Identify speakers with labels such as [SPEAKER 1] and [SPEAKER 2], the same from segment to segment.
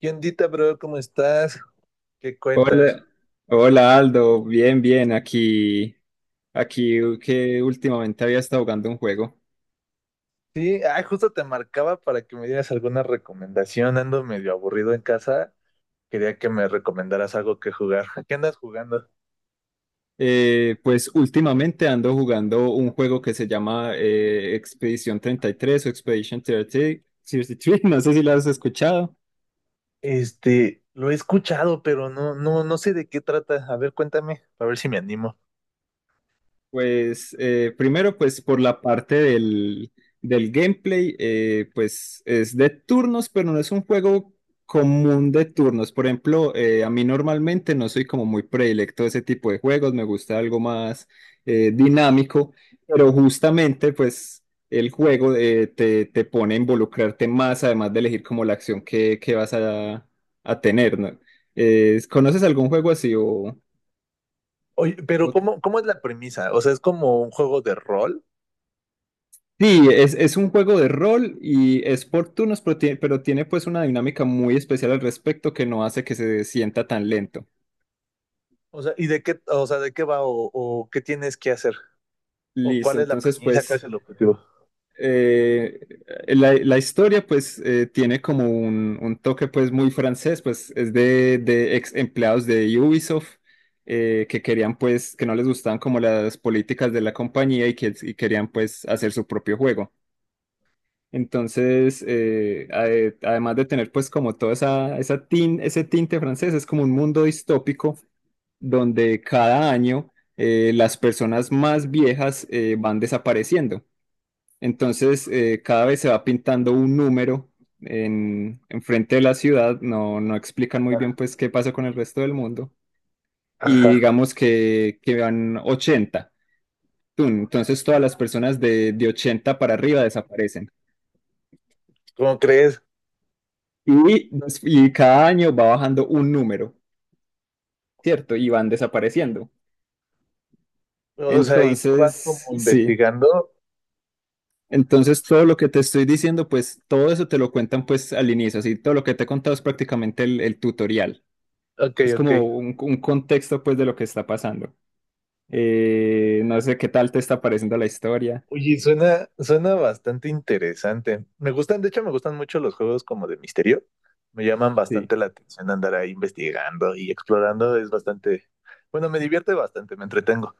[SPEAKER 1] ¿Qué ondita, bro? ¿Cómo estás? ¿Qué cuentas?
[SPEAKER 2] Hola, hola Aldo, bien, bien, aquí, aquí que últimamente había estado jugando un juego.
[SPEAKER 1] Sí, ay, justo te marcaba para que me dieras alguna recomendación. Ando medio aburrido en casa. Quería que me recomendaras algo que jugar. ¿Qué andas jugando?
[SPEAKER 2] Pues últimamente ando jugando un juego que se llama Expedición 33 o Expedition 30 33, no sé si lo has escuchado.
[SPEAKER 1] Este, lo he escuchado, pero no sé de qué trata. A ver, cuéntame, a ver si me animo.
[SPEAKER 2] Pues primero, pues por la parte del gameplay, pues es de turnos, pero no es un juego común de turnos. Por ejemplo, a mí normalmente no soy como muy predilecto de ese tipo de juegos, me gusta algo más dinámico, pero justamente pues el juego te pone a involucrarte más, además de elegir como la acción que vas a tener, ¿no? ¿Conoces algún juego así
[SPEAKER 1] Oye,
[SPEAKER 2] o
[SPEAKER 1] pero ¿cómo es la premisa? O sea, ¿es como un juego de rol?
[SPEAKER 2] sí, es un juego de rol y es por turnos, pero tiene pues una dinámica muy especial al respecto que no hace que se sienta tan lento.
[SPEAKER 1] O sea, ¿y de qué, o sea, de qué va o qué tienes que hacer? ¿O
[SPEAKER 2] Listo,
[SPEAKER 1] cuál es la
[SPEAKER 2] entonces
[SPEAKER 1] premisa? ¿Cuál es
[SPEAKER 2] pues
[SPEAKER 1] el objetivo?
[SPEAKER 2] eh, la historia pues tiene como un toque pues muy francés, pues es de ex empleados de Ubisoft que querían pues, que no les gustaban como las políticas de la compañía y que y querían pues hacer su propio juego. Entonces, además de tener pues como toda ese tinte francés, es como un mundo distópico donde cada año las personas más viejas van desapareciendo. Entonces, cada vez se va pintando un número en frente de la ciudad. No, no explican muy
[SPEAKER 1] Ah.
[SPEAKER 2] bien pues qué pasa con el resto del mundo. Y
[SPEAKER 1] Ajá.
[SPEAKER 2] digamos que van 80. Entonces, todas las personas de 80 para arriba desaparecen.
[SPEAKER 1] ¿Cómo crees?
[SPEAKER 2] Y cada año va bajando un número, ¿cierto? Y van desapareciendo.
[SPEAKER 1] O sea, y tú vas como
[SPEAKER 2] Entonces, sí.
[SPEAKER 1] investigando.
[SPEAKER 2] Entonces, todo lo que te estoy diciendo, pues todo eso te lo cuentan pues al inicio, así todo lo que te he contado es prácticamente el tutorial.
[SPEAKER 1] Ok,
[SPEAKER 2] Es
[SPEAKER 1] ok.
[SPEAKER 2] como un contexto pues de lo que está pasando. No sé qué tal te está pareciendo la historia.
[SPEAKER 1] Oye, suena bastante interesante. Me gustan, de hecho, me gustan mucho los juegos como de misterio. Me llaman
[SPEAKER 2] Sí.
[SPEAKER 1] bastante la atención andar ahí investigando y explorando. Es bastante, bueno, me divierte bastante, me entretengo.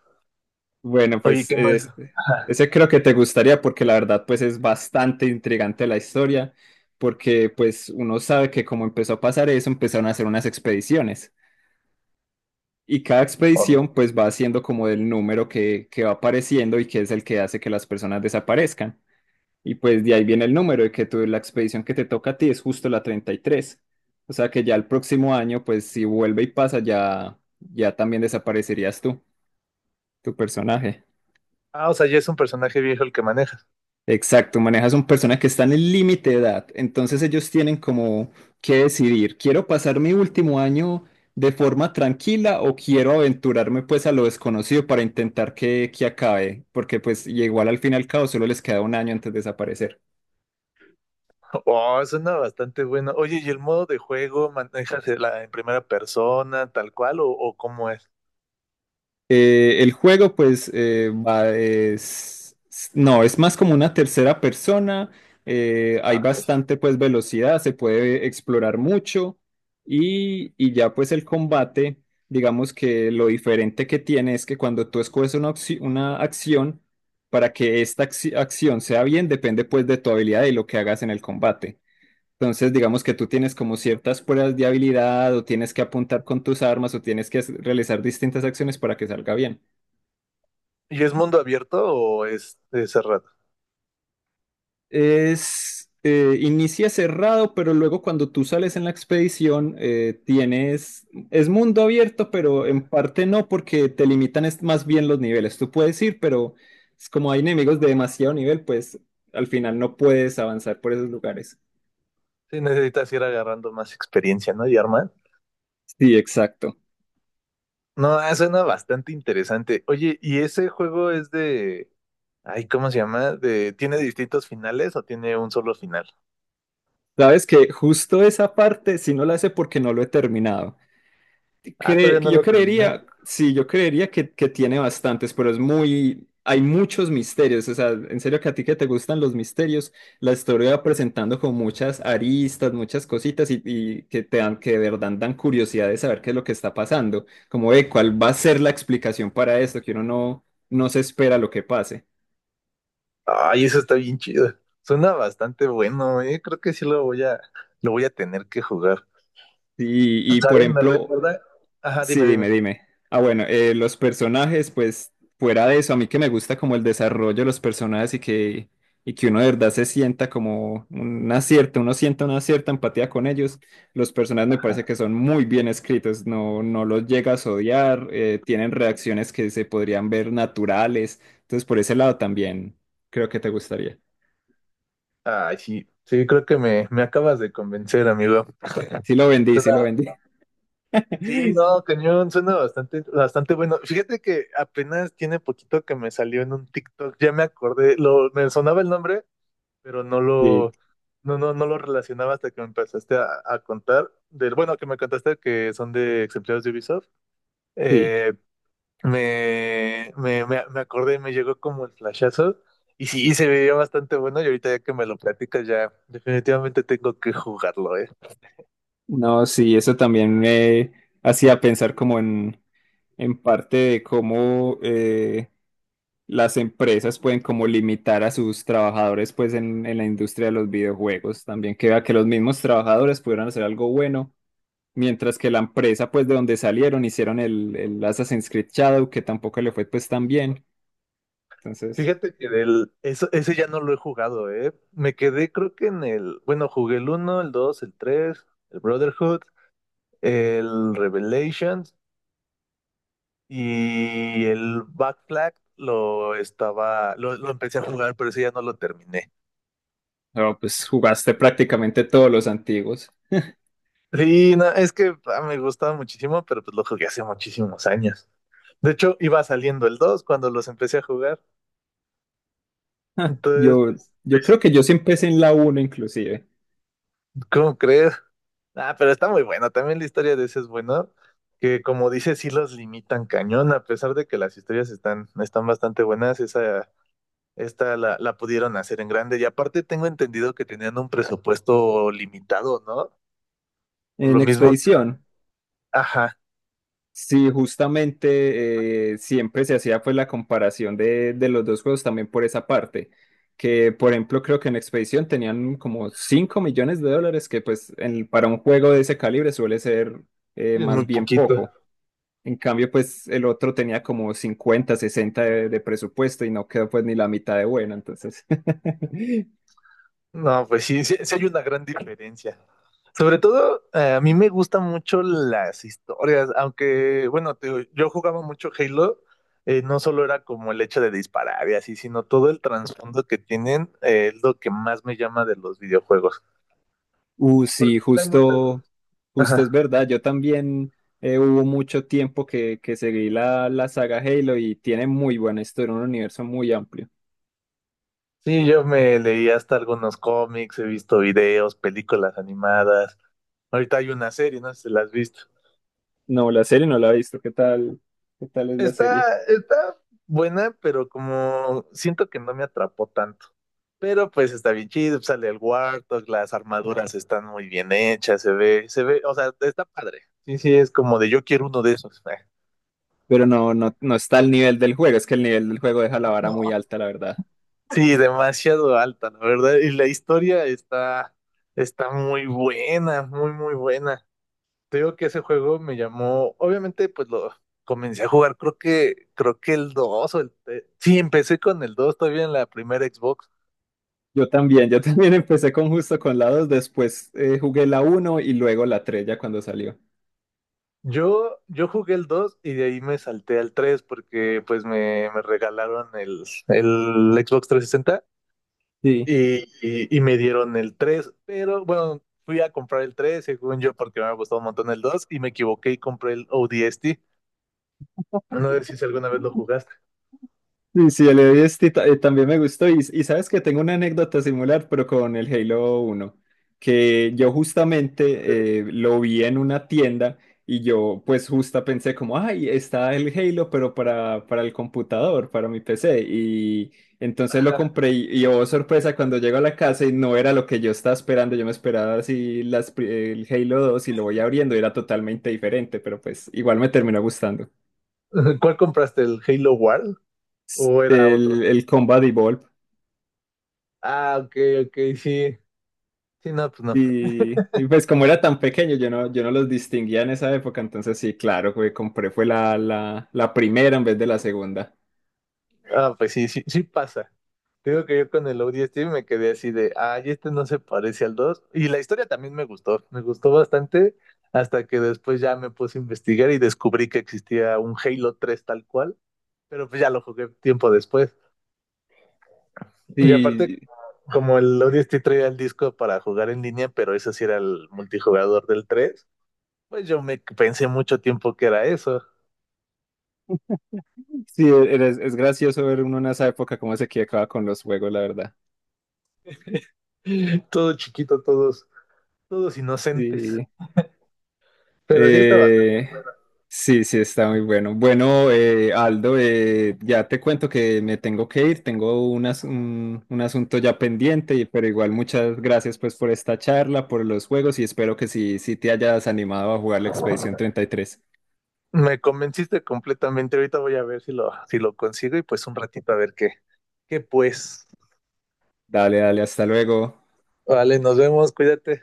[SPEAKER 2] Bueno,
[SPEAKER 1] Oye,
[SPEAKER 2] pues
[SPEAKER 1] ¿qué más?
[SPEAKER 2] es-
[SPEAKER 1] Ajá.
[SPEAKER 2] ese creo que te gustaría porque la verdad pues es bastante intrigante la historia, porque pues uno sabe que como empezó a pasar eso, empezaron a hacer unas expediciones y cada expedición
[SPEAKER 1] Oh.
[SPEAKER 2] pues va haciendo como el número que va apareciendo y que es el que hace que las personas desaparezcan. Y pues de ahí viene el número de que tú, la expedición que te toca a ti es justo la 33. O sea que ya el próximo año pues si vuelve y pasa ya, ya también desaparecerías tú, tu personaje.
[SPEAKER 1] Ah, o sea, ya es un personaje viejo el que manejas.
[SPEAKER 2] Exacto, manejas un personaje que está en el límite de edad, entonces ellos tienen como que decidir, ¿quiero pasar mi último año de forma tranquila o quiero aventurarme pues a lo desconocido para intentar que acabe? Porque pues y igual al fin y al cabo solo les queda un año antes de desaparecer.
[SPEAKER 1] Oh, suena bastante bueno. Oye, ¿y el modo de juego manejas la, en primera persona, tal cual, o cómo es?
[SPEAKER 2] El juego, pues, es, no, es más como una tercera persona. Hay
[SPEAKER 1] Ah, ok.
[SPEAKER 2] bastante, pues, velocidad, se puede explorar mucho. Ya, pues, el combate, digamos que lo diferente que tiene es que cuando tú escoges una, una acción, para que esta acción sea bien, depende, pues, de tu habilidad y lo que hagas en el combate. Entonces, digamos que tú tienes como ciertas pruebas de habilidad o tienes que apuntar con tus armas o tienes que hacer- realizar distintas acciones para que salga bien.
[SPEAKER 1] ¿Y es mundo abierto o es cerrado?
[SPEAKER 2] Es, inicia cerrado, pero luego cuando tú sales en la expedición, es mundo abierto, pero en parte no, porque te limitan es más bien los niveles. Tú puedes ir, pero es como hay enemigos de demasiado nivel, pues al final no puedes avanzar por esos lugares.
[SPEAKER 1] Sí, necesitas ir agarrando más experiencia, ¿no, Yarman?
[SPEAKER 2] Sí, exacto.
[SPEAKER 1] No, ah, suena bastante interesante. Oye, ¿y ese juego es de... ay, ¿cómo se llama? De... ¿tiene distintos finales o tiene un solo final?
[SPEAKER 2] Sabes que justo esa parte, sí no la sé porque no lo he terminado.
[SPEAKER 1] Ah,
[SPEAKER 2] Cre-
[SPEAKER 1] todavía no
[SPEAKER 2] yo
[SPEAKER 1] lo terminé.
[SPEAKER 2] creería, sí, yo creería que tiene bastantes, pero es muy, hay muchos misterios, o sea, en serio que a ti que te gustan los misterios, la historia va presentando con muchas aristas, muchas cositas y que te dan, que de verdad dan curiosidad de saber qué es lo que está pasando, como de cuál va a ser la explicación para esto, que uno no, no se espera lo que pase.
[SPEAKER 1] Ay, eso está bien chido. Suena bastante bueno, eh. Creo que sí lo voy a tener que jugar.
[SPEAKER 2] Por
[SPEAKER 1] ¿Sabes? Me
[SPEAKER 2] ejemplo,
[SPEAKER 1] recuerda... ajá,
[SPEAKER 2] sí,
[SPEAKER 1] dime,
[SPEAKER 2] dime,
[SPEAKER 1] dime.
[SPEAKER 2] dime. Ah, bueno, los personajes, pues fuera de eso, a mí que me gusta como el desarrollo de los personajes y que uno de verdad se sienta como una cierta, uno sienta una cierta empatía con ellos. Los personajes me parece que son muy bien escritos, no, no los llegas a odiar, tienen reacciones que se podrían ver naturales. Entonces, por ese lado también creo que te gustaría.
[SPEAKER 1] Ay, sí. Sí, creo que me acabas de convencer, amigo.
[SPEAKER 2] Sí lo vendí,
[SPEAKER 1] Suena.
[SPEAKER 2] sí lo vendí.
[SPEAKER 1] Sí, no, cañón, suena bastante bueno. Fíjate que apenas tiene poquito que me salió en un TikTok, ya me acordé, lo, me sonaba el nombre, pero
[SPEAKER 2] Sí,
[SPEAKER 1] no lo relacionaba hasta que me empezaste a contar, del, bueno, que me contaste que son de exemplares de Ubisoft.
[SPEAKER 2] sí.
[SPEAKER 1] Eh, me acordé, me llegó como el flashazo, y sí, se veía bastante bueno, y ahorita ya que me lo platicas, ya definitivamente tengo que jugarlo.
[SPEAKER 2] No, sí, eso también me hacía pensar como en parte de cómo las empresas pueden como limitar a sus trabajadores pues en la industria de los videojuegos. También que vea que los mismos trabajadores pudieran hacer algo bueno, mientras que la empresa pues de donde salieron hicieron el Assassin's Creed Shadow, que tampoco le fue pues tan bien. Entonces,
[SPEAKER 1] Fíjate que del, eso, ese ya no lo he jugado, ¿eh? Me quedé creo que en el, bueno, jugué el uno, el 2, el 3, el Brotherhood, el Revelations y el Back Flag lo empecé a jugar, pero ese ya no lo terminé.
[SPEAKER 2] no, pues jugaste prácticamente todos los antiguos.
[SPEAKER 1] Sí, no, es que ah, me gustaba muchísimo, pero pues lo jugué hace muchísimos años. De hecho, iba saliendo el 2 cuando los empecé a jugar. Entonces,
[SPEAKER 2] Yo,
[SPEAKER 1] pues...
[SPEAKER 2] yo
[SPEAKER 1] pues,
[SPEAKER 2] creo que yo sí empecé en la uno inclusive,
[SPEAKER 1] ¿cómo crees? Ah, pero está muy bueno. También la historia de ese es bueno, que como dices, sí los limitan cañón. A pesar de que las historias están bastante buenas, esa, esta la pudieron hacer en grande. Y aparte tengo entendido que tenían un presupuesto limitado, ¿no? Por
[SPEAKER 2] en
[SPEAKER 1] lo mismo que era...
[SPEAKER 2] Expedición.
[SPEAKER 1] ajá,
[SPEAKER 2] Sí, justamente siempre se hacía pues la comparación de los dos juegos también por esa parte, que por ejemplo creo que en Expedición tenían como 5 millones de dólares, que pues en- para un juego de ese calibre suele ser
[SPEAKER 1] es
[SPEAKER 2] más
[SPEAKER 1] muy
[SPEAKER 2] bien
[SPEAKER 1] poquito.
[SPEAKER 2] poco. En cambio pues el otro tenía como 50 60 de presupuesto y no quedó pues ni la mitad de bueno, entonces
[SPEAKER 1] No, pues sí, sí, sí hay una gran diferencia. Sobre todo, a mí me gustan mucho las historias, aunque, bueno, te digo, yo jugaba mucho Halo, no solo era como el hecho de disparar y así, sino todo el trasfondo que tienen, es lo que más me llama de los videojuegos.
[SPEAKER 2] Sí,
[SPEAKER 1] Porque hay muchos.
[SPEAKER 2] justo, justo es
[SPEAKER 1] Ajá.
[SPEAKER 2] verdad. Yo también hubo mucho tiempo que seguí la saga Halo y tiene muy buena historia, un universo muy amplio.
[SPEAKER 1] Sí, yo me leí hasta algunos cómics, he visto videos, películas animadas. Ahorita hay una serie, no sé si la has visto.
[SPEAKER 2] No, la serie no la he visto. ¿Qué tal? ¿Qué tal es la serie?
[SPEAKER 1] Está, está buena, pero como siento que no me atrapó tanto. Pero pues está bien chido, sale el Warthog, las armaduras están muy bien hechas, se ve, o sea, está padre. Sí, sí, es como de yo quiero uno de esos.
[SPEAKER 2] Pero no, no, no está al nivel del juego. Es que el nivel del juego deja la vara muy alta, la verdad.
[SPEAKER 1] Sí, demasiado alta, la verdad. Y la historia está, está muy buena, muy, muy buena. Te digo que ese juego me llamó, obviamente, pues lo comencé a jugar, creo que el 2 o el... te- sí, empecé con el 2 todavía en la primera Xbox.
[SPEAKER 2] Yo también empecé con justo con la 2 después jugué la uno y luego la 3 ya cuando salió.
[SPEAKER 1] Yo jugué el 2 y de ahí me salté al 3 porque pues me regalaron el Xbox 360
[SPEAKER 2] Sí.
[SPEAKER 1] y me dieron el tres, pero bueno, fui a comprar el 3 según yo porque me había gustado un montón el 2 y me equivoqué y compré el ODST. No sé si alguna vez lo jugaste.
[SPEAKER 2] Sí, sí, el Heavy Dust ta- también me gustó. Sabes que tengo una anécdota similar, pero con el Halo uno que yo justamente lo vi en una tienda y yo pues justa pensé como, ay, está el Halo, pero para el computador, para mi PC. Y entonces lo compré y oh, sorpresa, cuando llego a la casa y no era lo que yo estaba esperando, yo me esperaba así el Halo 2 y lo voy abriendo y era totalmente diferente, pero pues igual me terminó gustando.
[SPEAKER 1] ¿Cuál compraste? ¿El Halo World o era otro?
[SPEAKER 2] El Combat Evolved.
[SPEAKER 1] Ah, ok, ok, sí. Sí, no, pues no.
[SPEAKER 2] Pues como era tan pequeño, yo no los distinguía en esa época, entonces sí, claro, que compré fue la primera en vez de la segunda.
[SPEAKER 1] Ah, pues sí, sí, sí pasa. Digo que yo con el ODST me quedé así de, ay, este no se parece al dos. Y la historia también me gustó bastante, hasta que después ya me puse a investigar y descubrí que existía un Halo 3 tal cual, pero pues ya lo jugué tiempo después. Y aparte,
[SPEAKER 2] Y
[SPEAKER 1] como el ODST traía el disco para jugar en línea, pero eso sí era el multijugador del 3, pues yo me pensé mucho tiempo que era eso.
[SPEAKER 2] sí, es gracioso ver uno en esa época cómo se equivocaba con los juegos, la verdad.
[SPEAKER 1] Todo chiquito, todos, todos inocentes.
[SPEAKER 2] Sí.
[SPEAKER 1] Pero así está bastante.
[SPEAKER 2] Eh,
[SPEAKER 1] Bueno,
[SPEAKER 2] sí, está muy bueno. Bueno, Aldo, ya te cuento que me tengo que ir, tengo un asunto ya pendiente, y- pero igual muchas gracias pues por esta charla, por los juegos y espero que sí, sí te hayas animado a jugar la Expedición 33.
[SPEAKER 1] me convenciste completamente. Ahorita voy a ver si lo, si lo consigo y pues un ratito a ver qué, qué pues.
[SPEAKER 2] Dale, dale, hasta luego.
[SPEAKER 1] Vale, nos vemos, cuídate.